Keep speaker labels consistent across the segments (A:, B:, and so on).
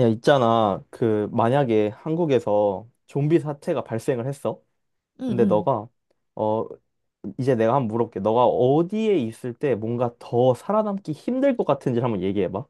A: 야, 있잖아. 그, 만약에 한국에서 좀비 사태가 발생을 했어. 근데
B: 응,
A: 너가, 어, 이제 내가 한번 물어볼게. 너가 어디에 있을 때 뭔가 더 살아남기 힘들 것 같은지 한번 얘기해봐.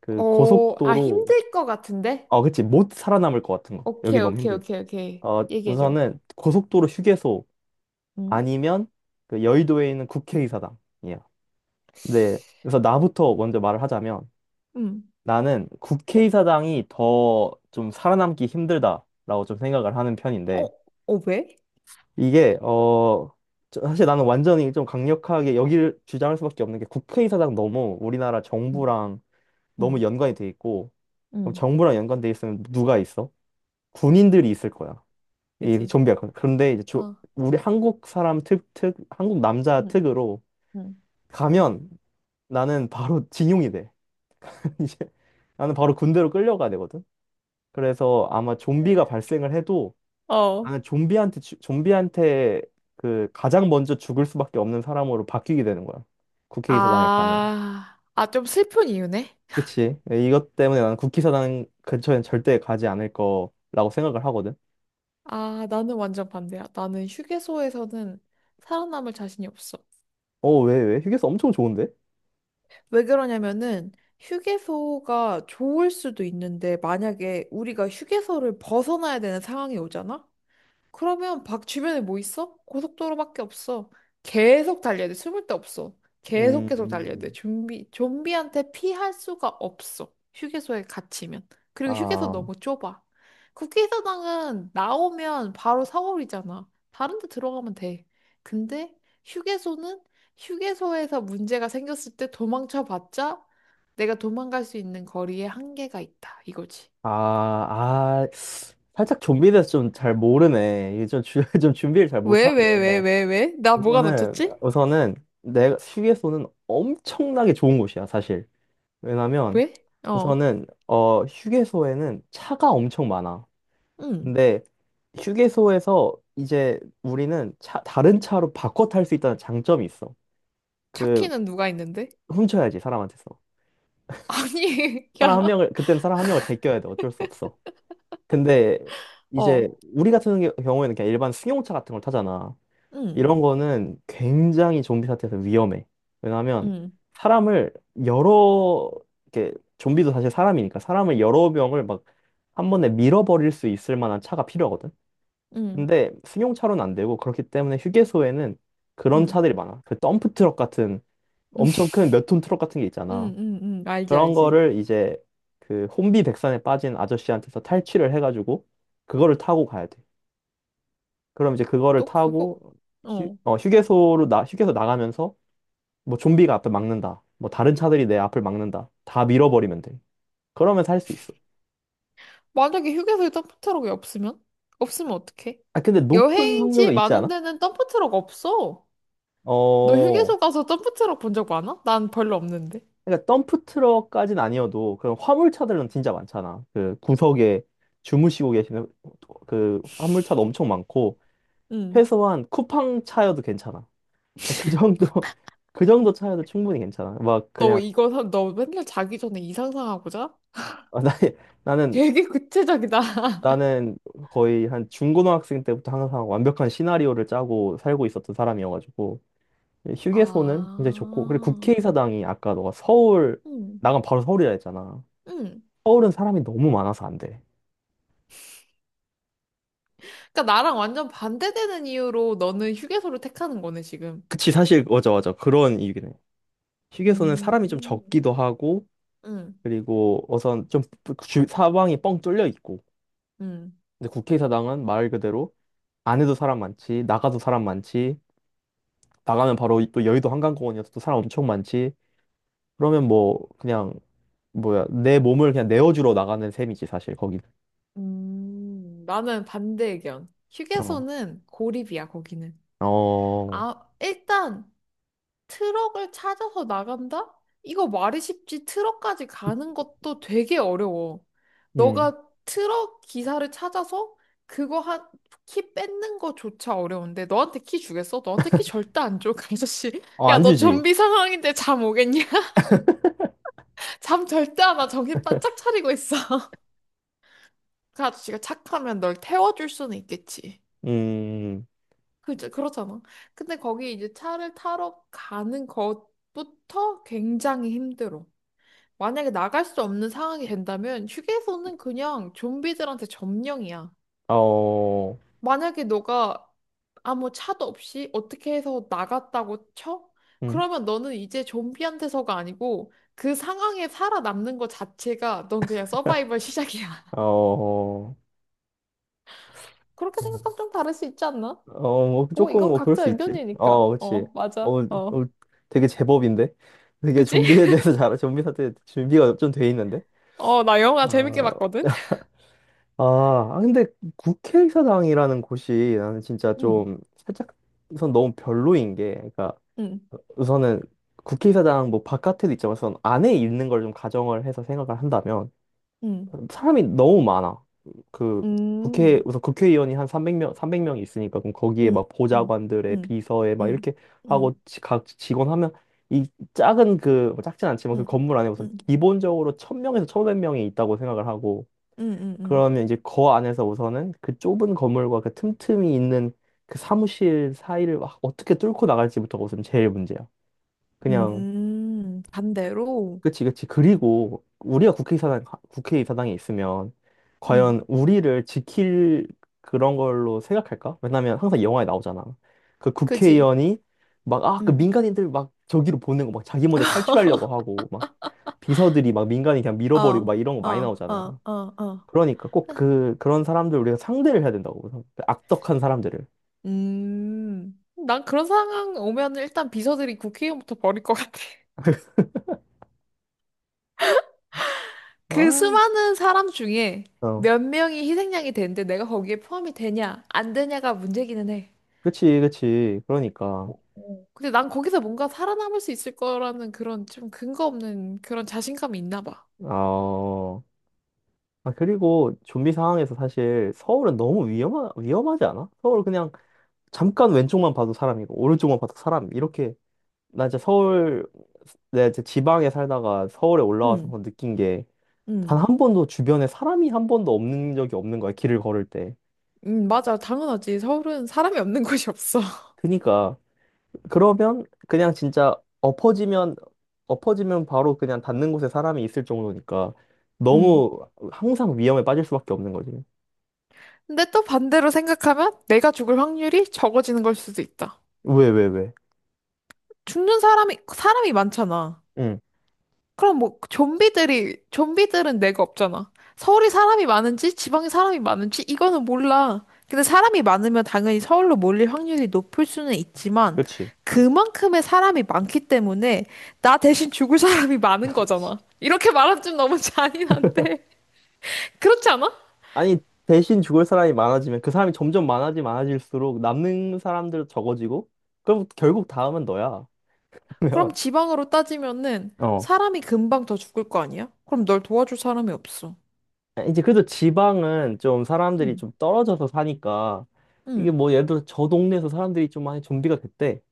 A: 그,
B: 응. 어, 아,
A: 고속도로.
B: 힘들 것 같은데?
A: 어, 그치. 못 살아남을 것 같은 거. 여기
B: 오케이,
A: 너무
B: 오케이,
A: 힘들다.
B: 오케이, 오케이. 얘기해줘.
A: 우선은 고속도로 휴게소
B: 응,
A: 아니면 그 여의도에 있는 국회의사당이야. 네. 그래서 나부터 먼저 말을 하자면,
B: 응.
A: 나는 국회의사당이 더 좀 살아남기 힘들다라고 좀 생각을 하는
B: 어,
A: 편인데,
B: 어, 왜?
A: 이게 어 사실 나는 완전히 좀 강력하게 여기를 주장할 수밖에 없는 게, 국회의사당 너무 우리나라
B: 응,
A: 정부랑 너무
B: 응,
A: 연관이 돼 있고. 그럼
B: 응.
A: 정부랑 연관돼 있으면 누가 있어? 군인들이 있을 거야. 이
B: 그치?
A: 좀비가 그런데 이제
B: 어,
A: 우리 한국 사람 특, 특 한국 남자
B: 응,
A: 특으로
B: 응.
A: 가면 나는 바로 징용이 돼. 이제 나는 바로 군대로 끌려가야 되거든. 그래서 아마 좀비가 발생을 해도
B: 어.
A: 나는 좀비한테 그 가장 먼저 죽을 수밖에 없는 사람으로 바뀌게 되는 거야, 국회의사당에 가면.
B: 아, 아, 좀 슬픈 이유네?
A: 그치? 이것 때문에 나는 국회의사당 근처엔 절대 가지 않을 거라고 생각을 하거든.
B: 아, 나는 완전 반대야. 나는 휴게소에서는 살아남을 자신이 없어.
A: 어, 왜, 왜? 휴게소 엄청 좋은데?
B: 왜 그러냐면은, 휴게소가 좋을 수도 있는데, 만약에 우리가 휴게소를 벗어나야 되는 상황이 오잖아? 그러면 밖 주변에 뭐 있어? 고속도로밖에 없어. 계속 달려야 돼. 숨을 데 없어. 계속 계속 달려야 돼.
A: 음,
B: 좀비, 좀비한테 피할 수가 없어. 휴게소에 갇히면. 그리고 휴게소
A: 아,
B: 너무 좁아. 국회의사당은 나오면 바로 사거리잖아. 다른 데 들어가면 돼. 근데 휴게소는 휴게소에서 문제가 생겼을 때 도망쳐봤자 내가 도망갈 수 있는 거리에 한계가 있다. 이거지.
A: 아, 아, 살짝 좀비에 대해서 좀 잘 모르네. 이게 좀, 좀 준비를 잘
B: 왜, 왜, 왜,
A: 못하네.
B: 왜, 왜? 나 뭐가
A: 우선은,
B: 놓쳤지?
A: 우선은, 내가 휴게소는 엄청나게 좋은 곳이야, 사실. 왜냐면
B: 왜? 어.
A: 우선은 휴게소에는 차가 엄청 많아.
B: 응,
A: 근데 휴게소에서 이제 우리는 차, 다른 차로 바꿔 탈 수 있다는 장점이 있어. 그,
B: 차키는 누가 있는데?
A: 훔쳐야지 사람한테서.
B: 아니,
A: 사람
B: 야,
A: 한 명을, 그때는 사람 한 명을 제껴야 돼. 어쩔 수 없어. 근데 이제
B: 어,
A: 우리 경우에는 그냥 일반 승용차 같은 걸 타잖아.
B: 응,
A: 이런 거는 굉장히 좀비 사태에서 위험해. 왜냐하면
B: 응,
A: 사람을 여러 이렇게, 좀비도 사실 사람이니까 사람을 여러 명을 막 한 번에 밀어버릴 수 있을 만한 차가 필요하거든.
B: 응,
A: 근데 승용차로는 안 되고, 그렇기 때문에 휴게소에는 그런
B: 응,
A: 차들이 많아. 그, 덤프 트럭 같은 엄청 큰 몇 톤 트럭 같은 게
B: 응,
A: 있잖아.
B: 응, 응, 알지,
A: 그런
B: 알지.
A: 거를 이제 그 혼비백산에 빠진 아저씨한테서 탈취를 해가지고 그거를 타고 가야 돼. 그럼 이제 그거를
B: 또 그거.
A: 타고
B: 어,
A: 휴게소로, 나 휴게소 나가면서 뭐 좀비가 앞을 막는다, 뭐 다른 차들이 내 앞을 막는다, 다 밀어버리면 돼. 그러면 살 수 있어.
B: 만약에 휴게소에 덤프트럭이 없으면? 없으면 어떡해?
A: 아, 근데 높은 확률로
B: 여행지
A: 있지
B: 많은
A: 않아?
B: 데는 덤프트럭 없어. 너
A: 어.
B: 휴게소 가서 덤프트럭 본 적 많아? 난 별로 없는데.
A: 그러니까 덤프 트럭까진 아니어도 그런 화물차들은 진짜 많잖아. 그 구석에 주무시고 계시는 그 화물차도 엄청 많고.
B: 응.
A: 최소한 쿠팡 차여도 괜찮아. 그 정도, 그 정도 차여도 충분히 괜찮아. 막
B: 너
A: 그냥.
B: 이거, 너 맨날 자기 전에 이 상상하고 자?
A: 나 나는
B: 되게 구체적이다.
A: 나는 거의 한 중고등학생 때부터 항상 완벽한 시나리오를 짜고 살고 있었던 사람이어가지고. 예, 휴게소는 굉장히 좋고. 그리고
B: 아,
A: 국회의사당이, 아까 너가 서울
B: 응,
A: 나가면 바로 서울이라 했잖아.
B: 응.
A: 서울은 사람이 너무 많아서 안 돼.
B: 그러니까 나랑 완전 반대되는 이유로 너는 휴게소를 택하는 거네, 지금.
A: 그치, 사실 맞아, 맞아, 그런 이유긴 해. 휴게소는 사람이 좀
B: 음,
A: 적기도 하고,
B: 응,
A: 그리고 우선 좀 사방이 뻥 뚫려 있고.
B: 응,
A: 근데 국회의사당은 말 그대로 안에도 사람 많지, 나가도 사람 많지, 나가면 바로 또 여의도 한강공원이어서 또 사람 엄청 많지. 그러면 뭐 그냥 뭐야, 내 몸을 그냥 내어주러 나가는 셈이지, 사실 거기는.
B: 나는 반대 의견.
A: 어.
B: 휴게소는 고립이야, 거기는.
A: 어.
B: 아, 일단 트럭을 찾아서 나간다? 이거 말이 쉽지 트럭까지 가는 것도 되게 어려워.
A: 음.
B: 너가 트럭 기사를 찾아서 그거 한, 키 뺏는 거조차 어려운데 너한테 키 주겠어? 너한테 키 절대 안 줘, 그 아저씨.
A: 어,
B: 야,
A: 안
B: 너
A: 주지.
B: 좀비 상황인데 잠 오겠냐? 잠 절대 안 와. 정신 바짝 차리고 있어. 그 아저씨가 착하면 널 태워줄 수는 있겠지.
A: 음.
B: 그죠? 그렇잖아. 근데 거기 이제 차를 타러 가는 것부터 굉장히 힘들어. 만약에 나갈 수 없는 상황이 된다면 휴게소는 그냥 좀비들한테 점령이야.
A: 어.
B: 만약에 너가 아무 차도 없이 어떻게 해서 나갔다고 쳐?
A: 음.
B: 그러면 너는 이제 좀비한테서가 아니고 그 상황에 살아남는 것 자체가 넌 그냥 서바이벌 시작이야.
A: 어.
B: 그렇게
A: 어,
B: 생각하면 좀 다를 수 있지 않나?
A: 어, 뭐
B: 뭐
A: 조금
B: 이건
A: 뭐 그럴
B: 각자
A: 수 있지. 어,
B: 의견이니까.
A: 그렇지.
B: 어, 맞아.
A: 어,
B: 어.
A: 어, 되게 제법인데. 되게
B: 그지?
A: 좀비에 대해서 잘, 좀비 사태 준비가 좀 돼 있는데.
B: 어, 나 영화 재밌게
A: 아,
B: 봤거든?
A: 아, 아, 근데 국회의사당이라는 곳이 나는 진짜
B: 응,
A: 좀 살짝, 우선 너무 별로인 게, 그러니까
B: 응,
A: 우선은 국회의사당 뭐 바깥에도 있지만 우선 안에 있는 걸 좀 가정을 해서 생각을 한다면
B: 응,
A: 사람이 너무 많아. 그 국회,
B: 응,
A: 우선 국회의원이 한 300명, 300명이 있으니까. 그럼 거기에
B: 응,
A: 막
B: 응,
A: 보좌관들의
B: 응,
A: 비서에 막
B: 응,
A: 이렇게
B: 응, 응,
A: 각 직원 하면 이 작은, 그뭐 작진 않지만 그 건물 안에 우선
B: 응,
A: 기본적으로 1000명에서 1500명이 있다고 생각을 하고.
B: 응,
A: 그러면 이제 거 안에서 우선은 그 좁은 건물과 그 틈틈이 있는 그 사무실 사이를 막 어떻게 뚫고 나갈지부터가 우선 제일 문제야.
B: 응,
A: 그냥.
B: 응. 반대로?
A: 그치, 그치. 그리고 우리가 국회의사당에 있으면
B: 응,
A: 과연 우리를 지킬 그런 걸로 생각할까? 왜냐면 항상 영화에 나오잖아. 그
B: 그지?
A: 국회의원이 막, 아, 그
B: 응,
A: 민간인들 막 저기로 보내고 막 자기 먼저 탈출하려고 하고 막, 비서들이 막 민간인 그냥
B: 어,
A: 밀어버리고 막 이런 거
B: 어,
A: 많이 나오잖아.
B: 어, 어, 어.
A: 그러니까 꼭 그런 사람들 우리가 상대를 해야 된다고. 그 악덕한 사람들을.
B: 음. 난 그런 상황 오면 일단 비서들이 국회의원부터 버릴 것 같아. 그
A: 아,
B: 수많은 사람 중에
A: 어.
B: 몇 명이 희생양이 되는데 내가 거기에 포함이 되냐, 안 되냐가 문제기는 해.
A: 그치, 그치.
B: 어,
A: 그러니까.
B: 어. 근데 난 거기서 뭔가 살아남을 수 있을 거라는 그런 좀 근거 없는 그런 자신감이 있나 봐.
A: 어. 아, 그리고 좀비 상황에서 사실 서울은 너무 위험하지 않아? 서울 그냥 잠깐 왼쪽만 봐도 사람이고, 오른쪽만 봐도 사람. 이렇게, 나 이제 서울, 내가 이제 지방에 살다가 서울에 올라와서
B: 응,
A: 한번 느낀 게, 단
B: 응,
A: 한 번도 주변에 사람이 한 번도 없는 적이 없는 거야, 길을 걸을 때.
B: 응, 맞아. 당연하지. 서울은 사람이 없는 곳이 없어.
A: 그니까, 그러면 그냥 진짜, 엎어지면, 엎어지면 바로 그냥 닿는 곳에 사람이 있을 정도니까,
B: 응.
A: 너무 항상 위험에 빠질 수밖에 없는 거지.
B: 근데 또 반대로 생각하면 내가 죽을 확률이 적어지는 걸 수도 있다.
A: 왜, 왜, 왜?
B: 죽는 사람이, 사람이 많잖아.
A: 응,
B: 그럼 뭐 좀비들이 좀비들은 내가 없잖아. 서울이 사람이 많은지 지방이 사람이 많은지 이거는 몰라. 근데 사람이 많으면 당연히 서울로 몰릴 확률이 높을 수는 있지만
A: 그치.
B: 그만큼의 사람이 많기 때문에 나 대신 죽을 사람이 많은 거잖아. 이렇게 말하면 좀 너무 잔인한데. 그렇지 않아?
A: 아니, 대신 죽을 사람이 많아지면 그 사람이 점점 많아지 많아질수록 남는 사람들도 적어지고, 그럼 결국 다음은 너야.
B: 그럼
A: 그러면,
B: 지방으로 따지면은
A: 어,
B: 사람이 금방 더 죽을 거 아니야? 그럼 널 도와줄 사람이 없어.
A: 이제 그래도 지방은 좀 사람들이
B: 응,
A: 좀 떨어져서 사니까, 이게
B: 응,
A: 뭐 예를 들어 저 동네에서 사람들이 좀 많이 좀비가 됐대.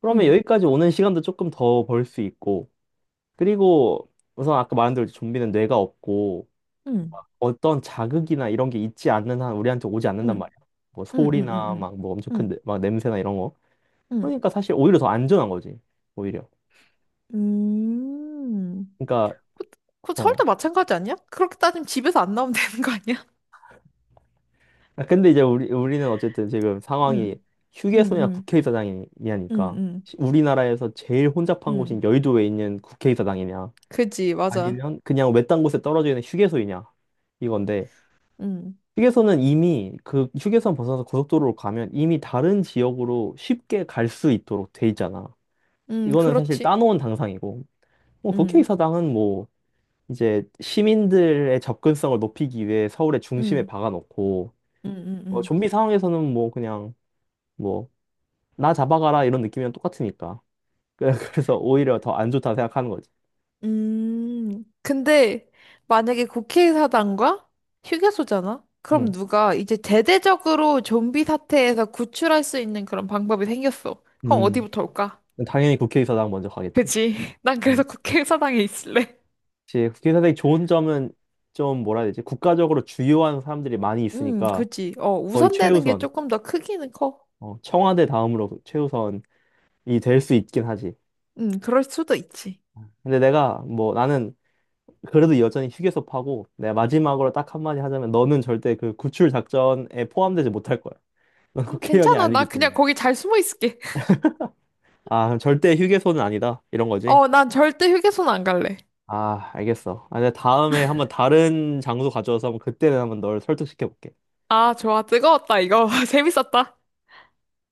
A: 그러면
B: 응,
A: 여기까지 오는 시간도 조금 더 벌 수 있고, 그리고 우선 아까 말한 대로 좀비는 뇌가 없고
B: 응,
A: 어떤 자극이나 이런 게 있지 않는 한 우리한테 오지 않는단
B: 응,
A: 말이야. 뭐
B: 응, 응, 응,
A: 소리나
B: 응,
A: 막 뭐 엄청
B: 응.
A: 막 냄새나 이런.
B: 응.
A: 그러니까 사실 오히려 더 안전한 거지, 오히려.
B: 음,
A: 그러니까.
B: 그, 그
A: 어.
B: 설도 마찬가지 아니야? 그렇게 따지면 집에서 안 나오면 되는 거 아니야?
A: 아, 근데 이제 우리는 어쨌든 지금 상황이
B: 응, 응,
A: 휴게소냐
B: 응, 응,
A: 국회의사당이냐니까,
B: 응,
A: 우리나라에서 제일 혼잡한
B: 응,
A: 곳인 여의도에 있는 국회의사당이냐
B: 그지, 맞아.
A: 아니면 그냥 외딴 곳에 떨어져 있는 휴게소이냐 이건데,
B: 응
A: 휴게소는 이미 그 휴게소 벗어나서 고속도로로 가면 이미 다른 지역으로 쉽게 갈 수 있도록 돼 있잖아.
B: 응,
A: 이거는 사실
B: 그렇지.
A: 따놓은 당상이고. 뭐
B: 응,
A: 국회의사당은 뭐 이제 시민들의 접근성을 높이기 위해 서울의 중심에
B: 응,
A: 박아놓고,
B: 응, 응,
A: 어,
B: 응.
A: 좀비 상황에서는 뭐 그냥 뭐 나 잡아가라 이런 느낌이랑 똑같으니까 그래서 오히려 더 안 좋다 생각하는 거지.
B: 근데 만약에 국회의사당과 휴게소잖아? 그럼
A: 음.
B: 누가 이제 대대적으로 좀비 사태에서 구출할 수 있는 그런 방법이 생겼어. 그럼
A: 음,
B: 어디부터 올까?
A: 당연히 국회의사당 먼저 가겠지.
B: 그치? 난 그래서
A: 음.
B: 국회의사당에 있을래.
A: 제 국회의사당이 좋은 점은, 좀 뭐라 해야 되지? 국가적으로 주요한 사람들이 많이 있으니까
B: 그지. 어,
A: 거의
B: 우선되는 게
A: 최우선,
B: 조금 더 크기는 커.
A: 어, 청와대 다음으로 최우선이 될 수 있긴 하지.
B: 그럴 수도 있지.
A: 근데 내가 뭐, 나는 그래도 여전히 휴게소 파고. 내가 마지막으로 딱 한마디 하자면 너는 절대 그 구출 작전에 포함되지 못할 거야. 넌 국회의원이
B: 괜찮아. 나
A: 아니기
B: 그냥
A: 때문에.
B: 거기 잘 숨어 있을게.
A: 아, 그럼 절대 휴게소는 아니다, 이런 거지.
B: 어, 난 절대 휴게소는 안 갈래.
A: 아, 알겠어. 아, 내가 다음에 한번 다른 장소 가져와서 한번, 그때는 한번 널 설득시켜 볼게.
B: 아, 좋아. 뜨거웠다, 이거. 재밌었다.